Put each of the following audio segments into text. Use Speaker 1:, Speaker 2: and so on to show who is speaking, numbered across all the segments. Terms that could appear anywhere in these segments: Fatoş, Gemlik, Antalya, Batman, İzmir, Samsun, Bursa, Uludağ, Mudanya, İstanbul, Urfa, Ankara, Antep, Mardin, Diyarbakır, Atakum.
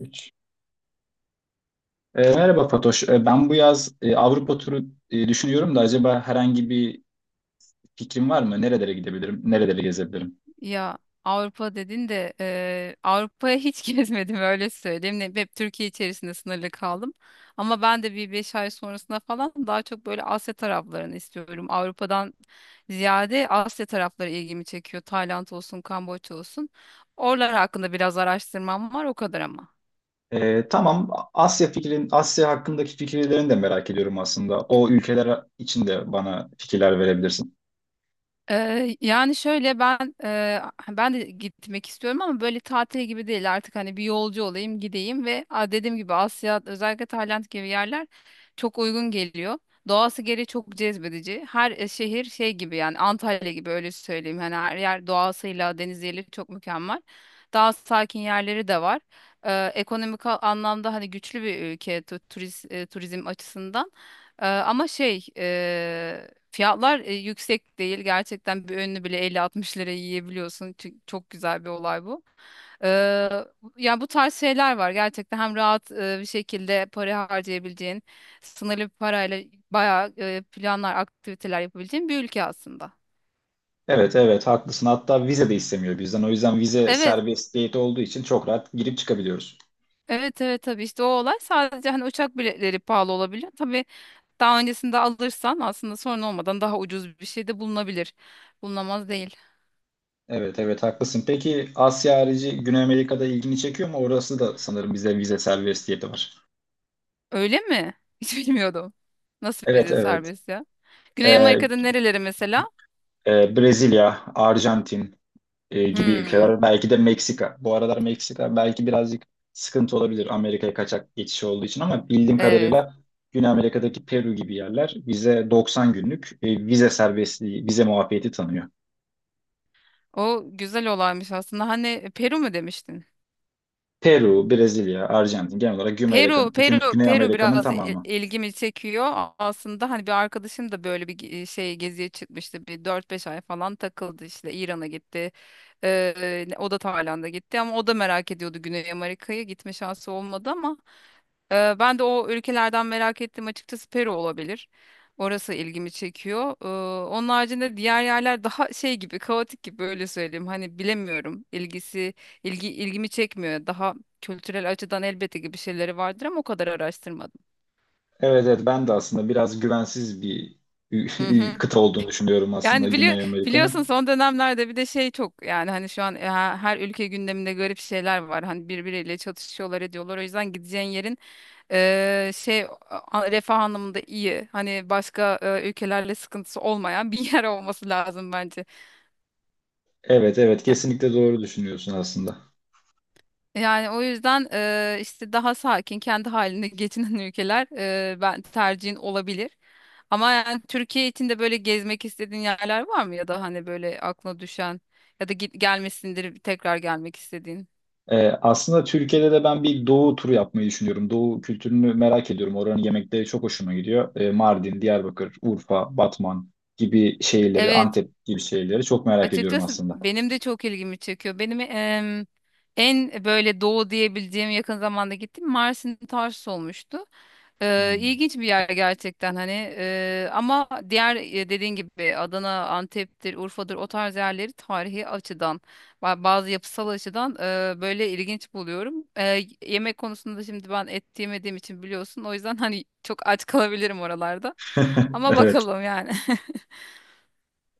Speaker 1: Üç. Merhaba Fatoş. Ben bu yaz Avrupa turu düşünüyorum da acaba herhangi bir fikrin var mı? Nerelere gidebilirim? Nereleri gezebilirim?
Speaker 2: Ya, Avrupa dedin de Avrupa'ya hiç gezmedim, öyle söyleyeyim. Hep Türkiye içerisinde sınırlı kaldım. Ama ben de bir 5 ay sonrasında falan daha çok böyle Asya taraflarını istiyorum. Avrupa'dan ziyade Asya tarafları ilgimi çekiyor. Tayland olsun, Kamboçya olsun. Oralar hakkında biraz araştırmam var, o kadar ama.
Speaker 1: Tamam. Asya fikrin, Asya hakkındaki fikirlerini de merak ediyorum aslında. O ülkeler için de bana fikirler verebilirsin.
Speaker 2: Yani şöyle, ben de gitmek istiyorum ama böyle tatil gibi değil artık, hani bir yolcu olayım gideyim ve dediğim gibi Asya, özellikle Tayland gibi yerler çok uygun geliyor. Doğası gereği çok cezbedici. Her şehir şey gibi, yani Antalya gibi, öyle söyleyeyim. Hani her yer doğasıyla, deniziyle çok mükemmel. Daha sakin yerleri de var. Ekonomik anlamda hani güçlü bir ülke, turizm açısından. Ama şey, fiyatlar yüksek değil. Gerçekten bir önünü bile 50-60 liraya yiyebiliyorsun. Çünkü çok güzel bir olay bu. Ee, Ya, bu tarz şeyler var. Gerçekten hem rahat bir şekilde para harcayabileceğin, sınırlı bir parayla bayağı planlar, aktiviteler yapabileceğin bir ülke aslında.
Speaker 1: Evet, evet haklısın. Hatta vize de istemiyor bizden. O yüzden vize
Speaker 2: Evet.
Speaker 1: serbestiyeti olduğu için çok rahat girip çıkabiliyoruz.
Speaker 2: Evet, evet, tabii işte, o olay sadece hani uçak biletleri pahalı olabiliyor. Tabii daha öncesinde alırsan aslında sorun olmadan daha ucuz bir şey de bulunabilir. Bulunamaz değil.
Speaker 1: Evet, evet haklısın. Peki Asya harici Güney Amerika'da ilgini çekiyor mu? Orası da sanırım bize vize serbestiyeti var.
Speaker 2: Öyle mi? Hiç bilmiyordum. Nasıl
Speaker 1: Evet
Speaker 2: vize
Speaker 1: evet.
Speaker 2: serbest ya? Güney
Speaker 1: Ee,
Speaker 2: Amerika'da nereleri mesela?
Speaker 1: Brezilya, Arjantin gibi
Speaker 2: Hmm,
Speaker 1: ülkeler. Belki de Meksika. Bu aralar Meksika belki birazcık sıkıntı olabilir Amerika'ya kaçak geçiş olduğu için ama bildiğim
Speaker 2: evet.
Speaker 1: kadarıyla Güney Amerika'daki Peru gibi yerler bize 90 günlük vize serbestliği, vize muafiyeti tanıyor.
Speaker 2: O güzel olaymış aslında. Hani Peru mu demiştin?
Speaker 1: Peru, Brezilya, Arjantin genel olarak Güney
Speaker 2: Peru,
Speaker 1: Amerika'nın Güney
Speaker 2: Peru,
Speaker 1: Güney
Speaker 2: Peru
Speaker 1: Amerika'nın
Speaker 2: biraz
Speaker 1: tamamı.
Speaker 2: ilgimi çekiyor. Aslında hani bir arkadaşım da böyle bir geziye çıkmıştı. Bir 4-5 ay falan takıldı işte. İran'a gitti. O da Tayland'a gitti ama o da merak ediyordu Güney Amerika'yı. Gitme şansı olmadı ama ben de o ülkelerden merak ettim. Açıkçası Peru olabilir. Orası ilgimi çekiyor. Onun haricinde diğer yerler daha şey gibi, kaotik gibi, öyle söyleyeyim. Hani bilemiyorum. İlgisi ilgi ilgimi çekmiyor. Daha kültürel açıdan elbette ki bir şeyleri vardır ama o kadar araştırmadım.
Speaker 1: Evet evet ben de aslında biraz güvensiz bir
Speaker 2: Hı hı.
Speaker 1: kıta olduğunu düşünüyorum aslında
Speaker 2: Yani, bili
Speaker 1: Güney
Speaker 2: biliyorsun
Speaker 1: Amerika'nın.
Speaker 2: son dönemlerde bir de şey çok, yani hani şu an, her ülke gündeminde garip şeyler var. Hani birbiriyle çatışıyorlar, ediyorlar. O yüzden gideceğin yerin, refah anlamında iyi. Hani başka ülkelerle sıkıntısı olmayan bir yer olması lazım bence.
Speaker 1: Evet evet kesinlikle doğru düşünüyorsun aslında.
Speaker 2: Yani o yüzden, işte daha sakin, kendi halinde geçinen ülkeler, ben tercihin olabilir. Ama yani, Türkiye için de böyle gezmek istediğin yerler var mı, ya da hani böyle aklına düşen ya da git gelmesindir, tekrar gelmek istediğin?
Speaker 1: Aslında Türkiye'de de ben bir doğu turu yapmayı düşünüyorum. Doğu kültürünü merak ediyorum. Oranın yemekleri çok hoşuma gidiyor. Mardin, Diyarbakır, Urfa, Batman gibi şehirleri,
Speaker 2: Evet.
Speaker 1: Antep gibi şehirleri çok merak ediyorum
Speaker 2: Açıkçası
Speaker 1: aslında.
Speaker 2: benim de çok ilgimi çekiyor. Benim en böyle doğu diyebileceğim, yakın zamanda gittiğim Mersin Tarsus olmuştu.
Speaker 1: Hmm.
Speaker 2: İlginç bir yer gerçekten hani. Ama diğer, dediğin gibi Adana, Antep'tir, Urfa'dır, o tarz yerleri tarihi açıdan, bazı yapısal açıdan, böyle ilginç buluyorum. Yemek konusunda şimdi ben et yemediğim için biliyorsun, o yüzden hani çok aç kalabilirim oralarda, ama
Speaker 1: Evet,
Speaker 2: bakalım yani.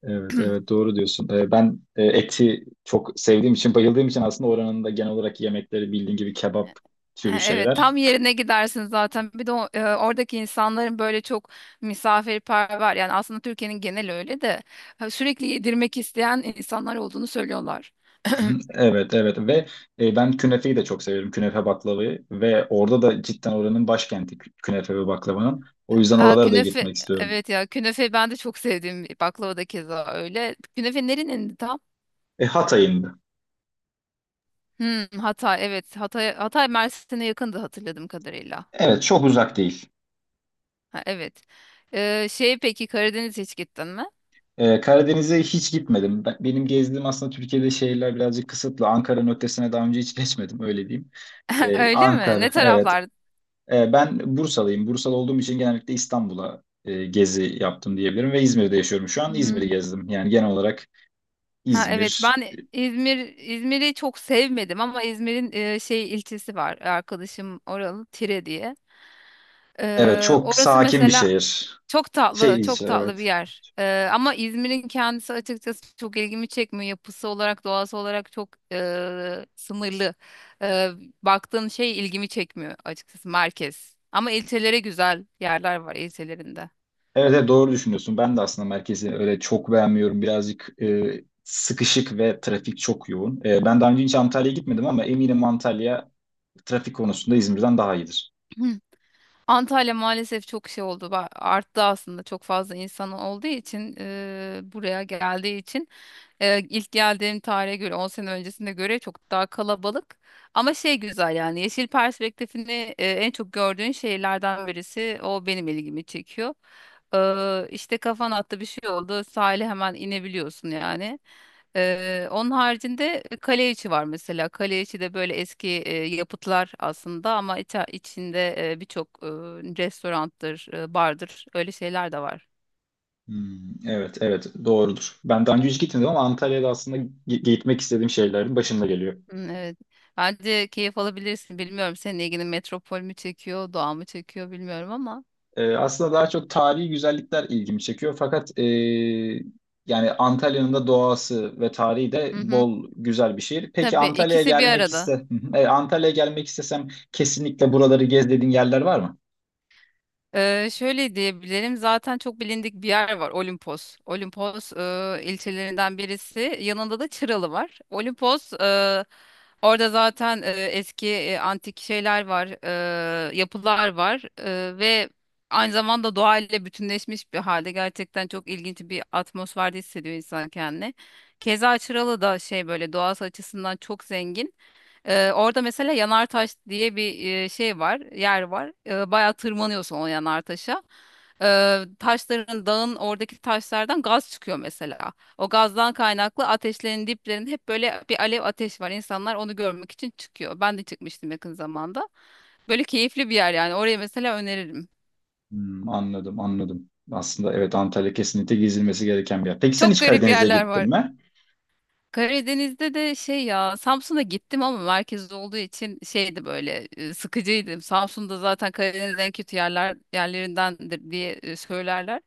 Speaker 1: evet, evet doğru diyorsun. Ben eti çok sevdiğim için, bayıldığım için aslında oranın da genel olarak yemekleri bildiğin gibi kebap türü
Speaker 2: Evet,
Speaker 1: şeyler.
Speaker 2: tam yerine gidersin zaten. Bir de oradaki insanların böyle çok misafirperver. Yani aslında Türkiye'nin genel öyle de, ha, sürekli yedirmek isteyen insanlar olduğunu söylüyorlar.
Speaker 1: Evet evet ve ben künefeyi de çok severim künefe baklavayı ve orada da cidden oranın başkenti künefe ve baklavanın o yüzden
Speaker 2: Aa,
Speaker 1: oralara da
Speaker 2: künefe,
Speaker 1: gitmek istiyorum.
Speaker 2: evet, ya künefe ben de çok sevdiğim baklava da keza öyle. Künefe nerenin tam?
Speaker 1: Hatay'ın.
Speaker 2: Hmm, Hatay. Evet, Hatay Mersin'e yakındı, hatırladığım kadarıyla.
Speaker 1: Evet çok uzak değil.
Speaker 2: Ha, evet. Peki, Karadeniz hiç gittin mi?
Speaker 1: Karadeniz'e hiç gitmedim. Benim gezdiğim aslında Türkiye'de şehirler birazcık kısıtlı. Ankara'nın ötesine daha önce hiç geçmedim öyle diyeyim.
Speaker 2: Öyle mi? Ne
Speaker 1: Ankara evet.
Speaker 2: taraflar?
Speaker 1: Ben Bursalıyım. Bursalı olduğum için genellikle İstanbul'a gezi yaptım diyebilirim ve İzmir'de yaşıyorum şu an. İzmir'i gezdim yani genel olarak
Speaker 2: Ha, evet,
Speaker 1: İzmir.
Speaker 2: ben İzmir'i çok sevmedim, ama İzmir'in ilçesi var, arkadaşım oralı, Tire diye.
Speaker 1: Evet çok
Speaker 2: Orası
Speaker 1: sakin bir
Speaker 2: mesela
Speaker 1: şehir.
Speaker 2: çok tatlı,
Speaker 1: Şey
Speaker 2: çok
Speaker 1: ilçe
Speaker 2: tatlı bir
Speaker 1: evet.
Speaker 2: yer. Ama İzmir'in kendisi açıkçası çok ilgimi çekmiyor. Yapısı olarak, doğası olarak çok sınırlı. Ee, Baktığın şey ilgimi çekmiyor açıkçası, merkez. Ama ilçelere güzel yerler var, ilçelerinde.
Speaker 1: Evet, evet doğru düşünüyorsun. Ben de aslında merkezi öyle çok beğenmiyorum. Birazcık sıkışık ve trafik çok yoğun. Ben daha önce hiç Antalya'ya gitmedim ama eminim Antalya trafik konusunda İzmir'den daha iyidir.
Speaker 2: Antalya maalesef çok şey oldu. Arttı aslında, çok fazla insan olduğu için, buraya geldiği için, ilk geldiğim tarihe göre 10 sene öncesine göre çok daha kalabalık. Ama şey, güzel yani, yeşil perspektifini en çok gördüğün şehirlerden birisi o, benim ilgimi çekiyor. İşte kafan attı, bir şey oldu, sahile hemen inebiliyorsun yani. Onun haricinde kale içi var mesela. Kale içi de böyle eski yapıtlar aslında, ama içinde birçok restoranttır, bardır, öyle şeyler de var.
Speaker 1: Hmm, evet evet doğrudur. Ben daha önce hiç gitmedim ama Antalya'da aslında gitmek istediğim şeylerin başında geliyor.
Speaker 2: Hmm, evet. Bence keyif alabilirsin. Bilmiyorum, senin ilgini metropol mü çekiyor, doğa mı çekiyor, bilmiyorum ama.
Speaker 1: Aslında daha çok tarihi güzellikler ilgimi çekiyor. Fakat yani Antalya'nın da doğası ve tarihi de
Speaker 2: Hı hı.
Speaker 1: bol güzel bir şehir. Peki
Speaker 2: Tabii,
Speaker 1: Antalya'ya
Speaker 2: ikisi bir
Speaker 1: gelmek
Speaker 2: arada.
Speaker 1: iste, hı hı, Antalya'ya gelmek istesem kesinlikle buraları gez dediğin yerler var mı?
Speaker 2: Şöyle diyebilirim, zaten çok bilindik bir yer var, Olimpos. Olimpos ilçelerinden birisi, yanında da Çıralı var. Olimpos, orada zaten eski, antik şeyler var, yapılar var, ve aynı zamanda doğayla bütünleşmiş bir halde, gerçekten çok ilginç bir atmosferde hissediyor insan kendini. Keza Çıralı da şey, böyle doğası açısından çok zengin. Orada mesela Yanartaş diye bir yer var. Bayağı tırmanıyorsun o Yanartaş'a. Taşların, dağın, oradaki taşlardan gaz çıkıyor mesela. O gazdan kaynaklı ateşlerin diplerinde hep böyle bir alev, ateş var. İnsanlar onu görmek için çıkıyor. Ben de çıkmıştım yakın zamanda. Böyle keyifli bir yer yani. Oraya mesela öneririm.
Speaker 1: Hmm, anladım, anladım. Aslında evet Antalya kesinlikle gezilmesi gereken bir yer. Peki sen
Speaker 2: Çok
Speaker 1: hiç
Speaker 2: garip
Speaker 1: Karadeniz'e
Speaker 2: yerler
Speaker 1: gittin
Speaker 2: var.
Speaker 1: mi?
Speaker 2: Karadeniz'de de şey, ya Samsun'a gittim ama merkezde olduğu için şeydi, böyle sıkıcıydı. Samsun'da zaten Karadeniz'in en kötü yerlerindendir diye söylerler.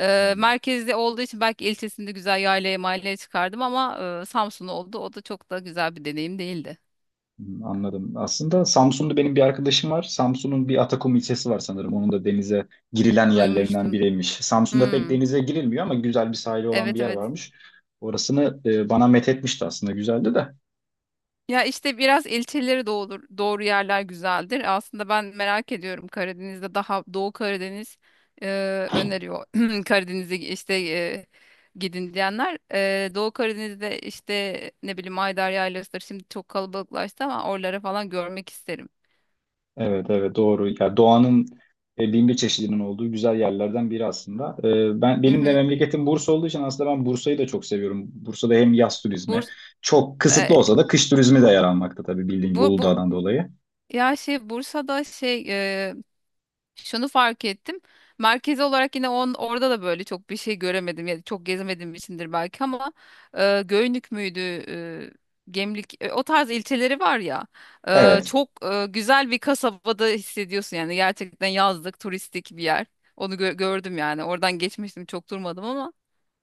Speaker 2: Merkezde olduğu için belki ilçesinde güzel yaylaya, mahalleye çıkardım, ama Samsun oldu. O da çok da güzel bir deneyim değildi.
Speaker 1: Hmm, anladım. Aslında Samsun'da benim bir arkadaşım var. Samsun'un bir Atakum ilçesi var sanırım. Onun da denize girilen yerlerinden
Speaker 2: Duymuştum.
Speaker 1: biriymiş. Samsun'da pek
Speaker 2: Hmm,
Speaker 1: denize girilmiyor ama güzel bir sahili olan bir
Speaker 2: evet,
Speaker 1: yer
Speaker 2: evet.
Speaker 1: varmış. Orasını bana methetmişti aslında. Güzeldi de.
Speaker 2: Ya işte, biraz ilçeleri doğru, doğru yerler güzeldir. Aslında ben merak ediyorum, Karadeniz'de daha Doğu Karadeniz e, öneriyor. Karadeniz'e işte, gidin diyenler. Doğu Karadeniz'de işte, ne bileyim, Ayder Yaylası'dır. Şimdi çok kalabalıklaştı, ama oraları falan görmek isterim.
Speaker 1: Evet evet doğru. Ya doğanın bin bir çeşidinin olduğu güzel yerlerden biri aslında.
Speaker 2: Hı
Speaker 1: Benim de
Speaker 2: hı.
Speaker 1: memleketim Bursa olduğu için aslında ben Bursa'yı da çok seviyorum. Bursa'da hem yaz turizmi
Speaker 2: Burs,
Speaker 1: çok kısıtlı
Speaker 2: e,
Speaker 1: olsa da kış turizmi de yer almakta tabii bildiğin gibi
Speaker 2: bu
Speaker 1: Uludağ'dan dolayı.
Speaker 2: ya şey, Bursa'da şey, şunu fark ettim. Merkezi olarak yine, orada da böyle çok bir şey göremedim. Ya da çok gezemediğim içindir belki ama, Göynük müydü? Gemlik, o tarz ilçeleri var ya,
Speaker 1: Evet,
Speaker 2: çok güzel bir kasabada hissediyorsun yani, gerçekten yazlık, turistik bir yer. Onu gördüm yani, oradan geçmiştim, çok durmadım ama.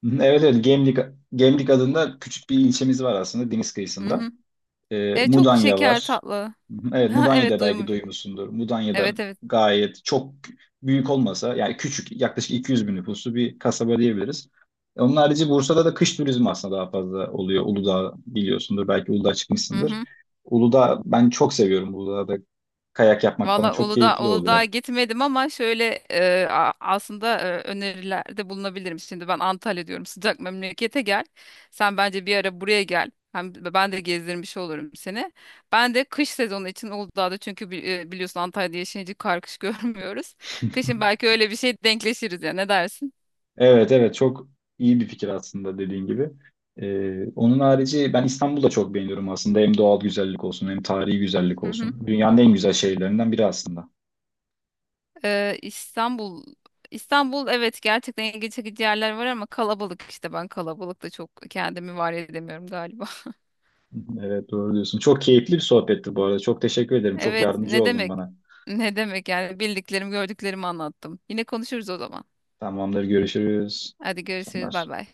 Speaker 1: hı hı, evet evet Gemlik, Gemlik adında küçük bir ilçemiz var aslında deniz
Speaker 2: Hı
Speaker 1: kıyısında.
Speaker 2: hı. Çok
Speaker 1: Mudanya
Speaker 2: şeker,
Speaker 1: var.
Speaker 2: tatlı.
Speaker 1: Hı hı, evet
Speaker 2: Ha, evet,
Speaker 1: Mudanya'da belki
Speaker 2: duymuş.
Speaker 1: duymuşsundur. Mudanya'da
Speaker 2: Evet, evet.
Speaker 1: gayet çok büyük olmasa yani küçük yaklaşık 200 bin nüfuslu bir kasaba diyebiliriz. Onun harici Bursa'da da kış turizmi aslında daha fazla oluyor. Uludağ biliyorsundur belki Uludağ
Speaker 2: Hı
Speaker 1: çıkmışsındır.
Speaker 2: hı.
Speaker 1: Uludağ ben çok seviyorum Uludağ'da kayak yapmak falan
Speaker 2: Valla,
Speaker 1: çok
Speaker 2: Uludağ,
Speaker 1: keyifli
Speaker 2: Uludağ'a
Speaker 1: oluyor.
Speaker 2: gitmedim ama şöyle, aslında, önerilerde bulunabilirim. Şimdi ben Antalya diyorum, sıcak memlekete gel. Sen bence bir ara buraya gel, hem ben de gezdirmiş olurum seni. Ben de kış sezonu için Uludağ'da, çünkü biliyorsun Antalya'da yaşayınca kar, kış görmüyoruz. Kışın belki öyle bir şey denkleşiriz ya, ne dersin?
Speaker 1: Evet evet çok iyi bir fikir aslında dediğin gibi. Onun harici ben İstanbul'da çok beğeniyorum aslında. Hem doğal güzellik olsun hem tarihi güzellik
Speaker 2: Hı hı.
Speaker 1: olsun. Dünyanın en güzel şehirlerinden biri aslında.
Speaker 2: Ee, İstanbul İstanbul, evet, gerçekten ilgi çekici yerler var ama kalabalık işte, ben kalabalıkta çok kendimi var edemiyorum galiba.
Speaker 1: Evet doğru diyorsun. Çok keyifli bir sohbetti bu arada. Çok teşekkür ederim. Çok
Speaker 2: Evet,
Speaker 1: yardımcı
Speaker 2: ne
Speaker 1: oldun
Speaker 2: demek?
Speaker 1: bana.
Speaker 2: Ne demek, yani bildiklerimi, gördüklerimi anlattım. Yine konuşuruz o zaman.
Speaker 1: Tamamdır görüşürüz.
Speaker 2: Hadi
Speaker 1: İyi
Speaker 2: görüşürüz,
Speaker 1: akşamlar.
Speaker 2: bay bay.